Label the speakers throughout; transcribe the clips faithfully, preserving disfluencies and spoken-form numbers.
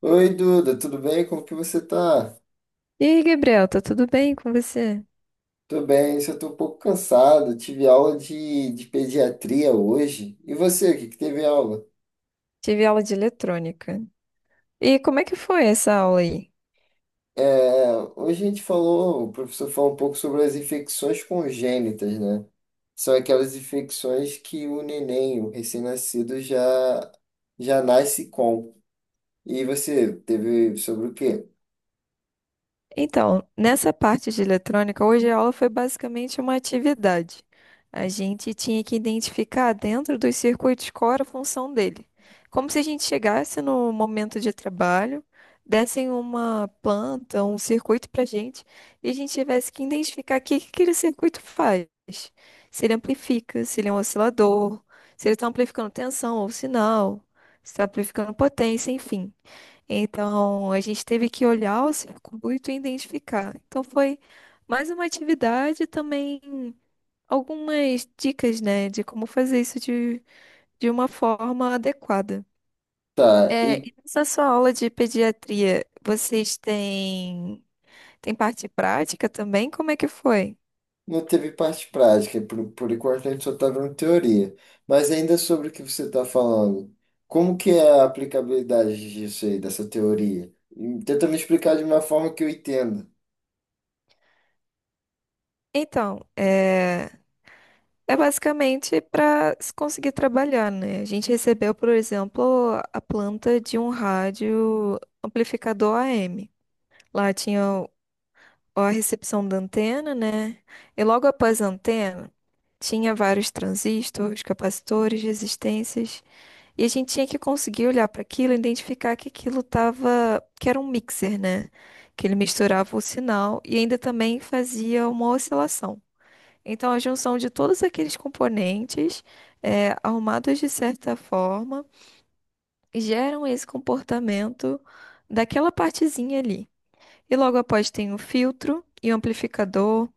Speaker 1: Oi, Duda, tudo bem? Como que você tá?
Speaker 2: E aí, Gabriel, tá tudo bem com você?
Speaker 1: Tô bem, só tô um pouco cansado. Tive aula de, de pediatria hoje. E você, o que que teve aula?
Speaker 2: Tive aula de eletrônica. E como é que foi essa aula aí?
Speaker 1: É, hoje a gente falou, o professor falou um pouco sobre as infecções congênitas, né? São aquelas infecções que o neném, o recém-nascido, já, já nasce com. E você teve sobre o quê?
Speaker 2: Então, nessa parte de eletrônica, hoje a aula foi basicamente uma atividade. A gente tinha que identificar dentro dos circuitos qual era a função dele. Como se a gente chegasse no momento de trabalho, dessem uma planta, um circuito para a gente, e a gente tivesse que identificar o que que aquele circuito faz. Se ele amplifica, se ele é um oscilador, se ele está amplificando tensão ou sinal, se está amplificando potência, enfim. Então, a gente teve que olhar o circuito e identificar. Então, foi mais uma atividade, também algumas dicas, né, de como fazer isso de, de uma forma adequada.
Speaker 1: Tá,
Speaker 2: É,
Speaker 1: e
Speaker 2: e nessa sua aula de pediatria, vocês têm, têm parte prática também? Como é que foi?
Speaker 1: não teve parte prática, por, por enquanto a gente só está vendo teoria. Mas ainda sobre o que você está falando, como que é a aplicabilidade disso aí, dessa teoria? Hum, Tenta me explicar de uma forma que eu entenda.
Speaker 2: Então, é, é basicamente para se conseguir trabalhar, né? A gente recebeu, por exemplo, a planta de um rádio amplificador A M. Lá tinha o- a recepção da antena, né? E logo após a antena, tinha vários transistores, capacitores, resistências. E a gente tinha que conseguir olhar para aquilo e identificar que aquilo tava, que era um mixer, né? Que ele misturava o sinal e ainda também fazia uma oscilação. Então, a junção de todos aqueles componentes, eh, arrumados de certa forma, geram esse comportamento daquela partezinha ali. E logo após tem o filtro e o amplificador,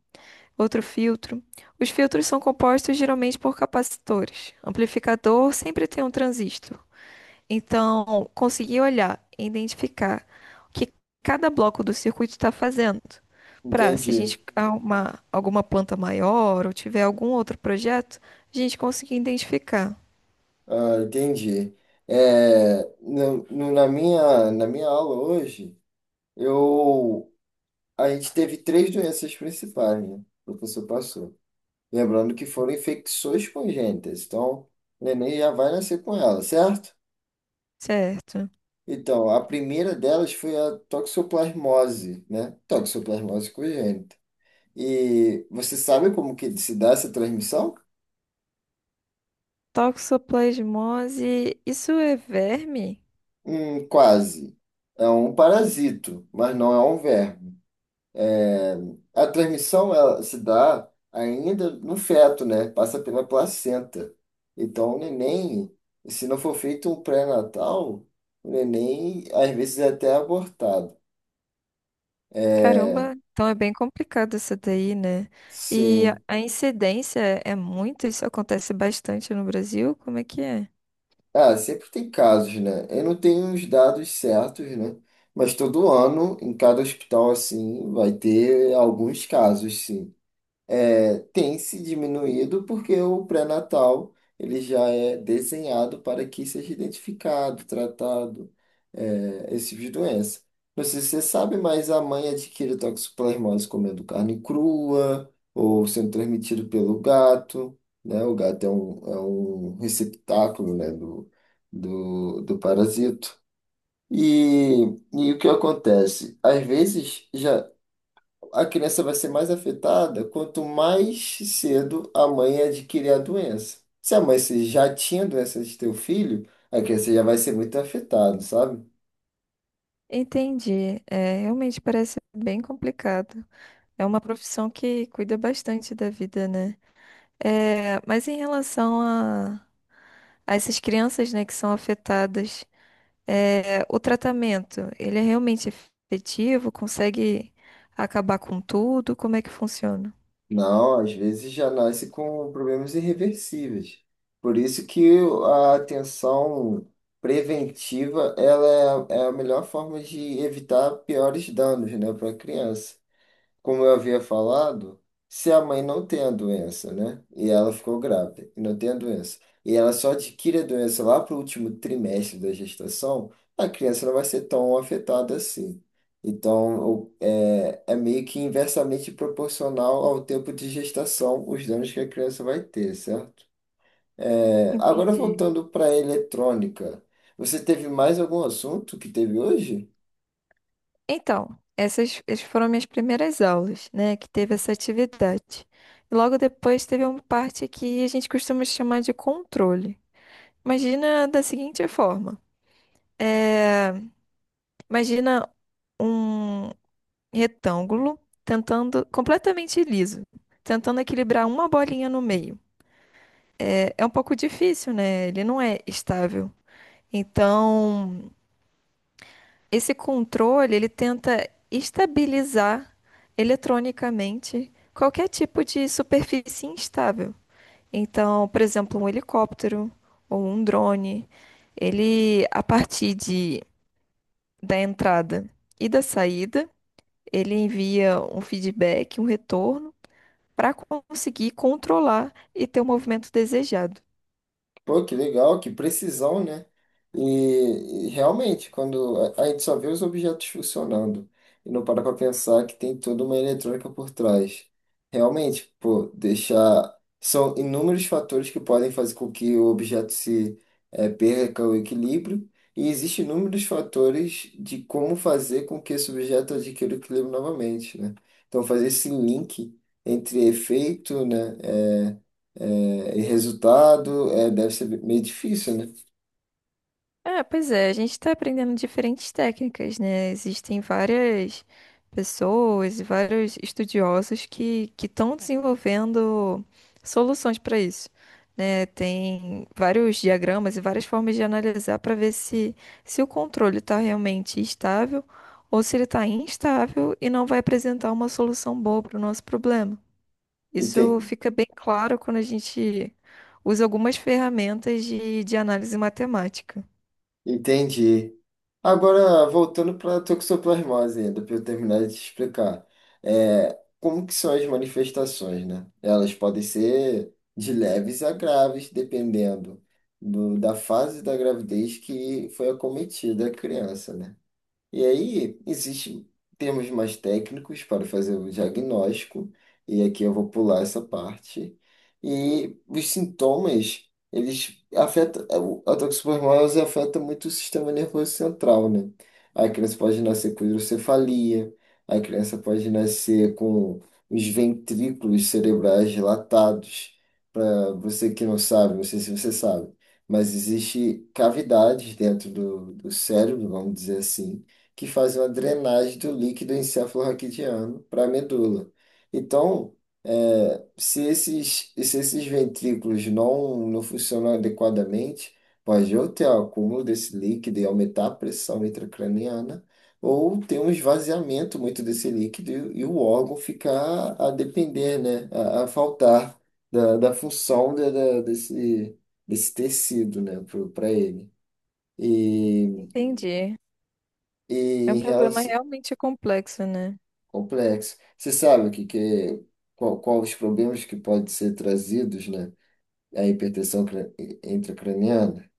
Speaker 2: outro filtro. Os filtros são compostos geralmente por capacitores. Amplificador sempre tem um transistor. Então, conseguir olhar e identificar o que cada bloco do circuito está fazendo. Para, se a
Speaker 1: Entendi.
Speaker 2: gente arrumar alguma planta maior ou tiver algum outro projeto, a gente conseguir identificar.
Speaker 1: Ah, entendi. É, no, no- na minha, na minha aula hoje, eu, a gente teve três doenças principais, né? O professor passou. Lembrando que foram infecções congênitas. Então, o neném já vai nascer com ela, certo?
Speaker 2: Certo.
Speaker 1: Então, a primeira delas foi a toxoplasmose, né? Toxoplasmose congênita. E você sabe como que se dá essa transmissão?
Speaker 2: Toxoplasmose, isso é verme?
Speaker 1: Hum, quase. É um parasito, mas não é um verme. É, a transmissão ela se dá ainda no feto, né? Passa pela placenta. Então, o neném, se não for feito um pré-natal, o neném às vezes é até abortado. É,
Speaker 2: Caramba, então é bem complicado isso daí, né? E
Speaker 1: sim.
Speaker 2: a a incidência é muito? Isso acontece bastante no Brasil? Como é que é?
Speaker 1: Ah, sempre tem casos, né? Eu não tenho os dados certos, né? Mas todo ano, em cada hospital, assim, vai ter alguns casos, sim. É, tem se diminuído porque o pré-natal ele já é desenhado para que seja identificado, tratado, é, esse tipo de doença. Não sei se você sabe, mas a mãe adquire toxoplasmose comendo carne crua ou sendo transmitido pelo gato, né? O gato é um, é um receptáculo, né, do, do, do parasito. E, e o que acontece? Às vezes já a criança vai ser mais afetada quanto mais cedo a mãe adquirir a doença. Se a mãe se- já tinha doença de teu filho, a criança já vai ser muito afetada, sabe?
Speaker 2: Entendi. É, realmente parece bem complicado. É uma profissão que cuida bastante da vida, né? É, mas em relação a, a essas crianças, né, que são afetadas, é, o tratamento, ele é realmente efetivo? Consegue acabar com tudo? Como é que funciona?
Speaker 1: Não, às vezes já nasce com problemas irreversíveis. Por isso que a atenção preventiva ela é, é a melhor forma de evitar piores danos, né, para a criança. Como eu havia falado, se a mãe não tem a doença, né? E ela ficou grávida e não tem a doença, e ela só adquire a doença lá para o último trimestre da gestação, a criança não vai ser tão afetada assim. Então, o- é, é meio que inversamente proporcional ao tempo de gestação, os danos que a criança vai ter, certo? É, agora,
Speaker 2: Entendi.
Speaker 1: voltando para a eletrônica, você teve mais algum assunto que teve hoje?
Speaker 2: Então, essas, essas foram minhas primeiras aulas, né? Que teve essa atividade. E logo depois teve uma parte que a gente costuma chamar de controle. Imagina da seguinte forma: é, imagina um retângulo tentando completamente liso, tentando equilibrar uma bolinha no meio. É, é um pouco difícil, né? Ele não é estável. Então, esse controle, ele tenta estabilizar eletronicamente qualquer tipo de superfície instável. Então, por exemplo, um helicóptero ou um drone, ele, a partir de, da entrada e da saída, ele envia um feedback, um retorno, para conseguir controlar e ter o movimento desejado.
Speaker 1: Pô, que legal, que precisão, né? E, e realmente, quando a, a gente só vê os objetos funcionando e não para para pensar que tem toda uma eletrônica por trás. Realmente, pô, deixar. São inúmeros fatores que podem fazer com que o objeto se eh, perca o equilíbrio, e existem inúmeros fatores de como fazer com que esse objeto adquira o equilíbrio novamente, né? Então, fazer esse link entre efeito, né? eh, é, e resultado é, deve ser meio difícil, né?
Speaker 2: Ah, pois é, a gente está aprendendo diferentes técnicas, né? Existem várias pessoas e vários estudiosos que que estão desenvolvendo soluções para isso, né? Tem vários diagramas e várias formas de analisar para ver se, se o controle está realmente estável ou se ele está instável e não vai apresentar uma solução boa para o nosso problema. Isso
Speaker 1: Enten-
Speaker 2: fica bem claro quando a gente usa algumas ferramentas de, de análise matemática.
Speaker 1: Entendi. Agora, voltando para a toxoplasmose ainda, para eu terminar de te explicar. É, como que são as manifestações, né? Elas podem ser de leves a graves, dependendo do- da fase da gravidez que foi acometida a criança, né? E aí, existem termos mais técnicos para fazer o diagnóstico, e aqui eu vou pular essa parte. E os sintomas, eles afetam, a toxoplasmose afeta muito o sistema nervoso central, né? A criança pode nascer com hidrocefalia, a criança pode nascer com os ventrículos cerebrais dilatados. Para você que não sabe, não sei se você sabe, mas existe cavidades dentro do, do cérebro, vamos dizer assim, que faz uma drenagem do líquido encefalorraquidiano para a medula. Então, é, se esses, se esses ventrículos não, não funcionam adequadamente, pode ou ter acúmulo desse líquido e aumentar a pressão intracraniana, ou ter um esvaziamento muito desse líquido e, e o órgão ficar a depender, né, a, a faltar da, da função da, da- desse, desse tecido, né, para ele. E,
Speaker 2: Entendi.
Speaker 1: e
Speaker 2: É um
Speaker 1: em
Speaker 2: problema
Speaker 1: relação
Speaker 2: realmente complexo, né?
Speaker 1: complexo. Você sabe o que, que é- qual, qual os problemas que podem ser trazidos, né? A hipertensão cra- intracraniana?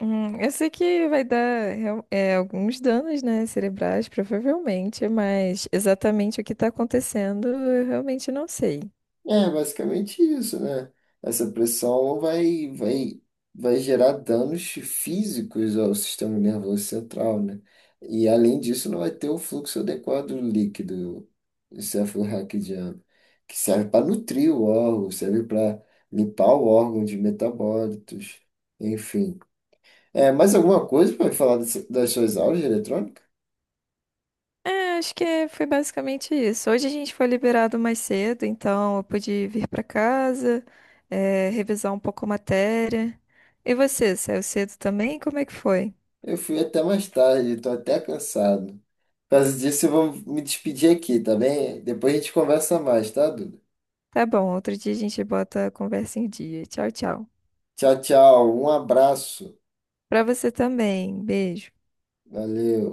Speaker 2: Hum, eu sei que vai dar real- é, alguns danos, né, cerebrais, provavelmente, mas exatamente o que está acontecendo eu realmente não sei.
Speaker 1: É basicamente isso, né? Essa pressão vai, vai, vai gerar danos físicos ao sistema nervoso central, né? E além disso, não vai ter o fluxo adequado líquido encefalorraquidiano, que serve para nutrir o órgão, serve para limpar o órgão de metabólitos, enfim. É, mais alguma coisa para falar desse- das suas aulas de eletrônica?
Speaker 2: É, acho que é- foi basicamente isso. Hoje a gente foi liberado mais cedo, então eu pude vir para casa, é, revisar um pouco a matéria. E você, saiu cedo também? Como é que foi?
Speaker 1: Eu fui até mais tarde, estou até cansado. Por causa disso, eu vou me despedir aqui, tá bem? Depois a gente conversa mais, tá, Duda?
Speaker 2: Tá bom, outro dia a gente bota a conversa em dia. Tchau, tchau.
Speaker 1: Tchau, tchau. Um abraço.
Speaker 2: Para você também. Beijo.
Speaker 1: Valeu.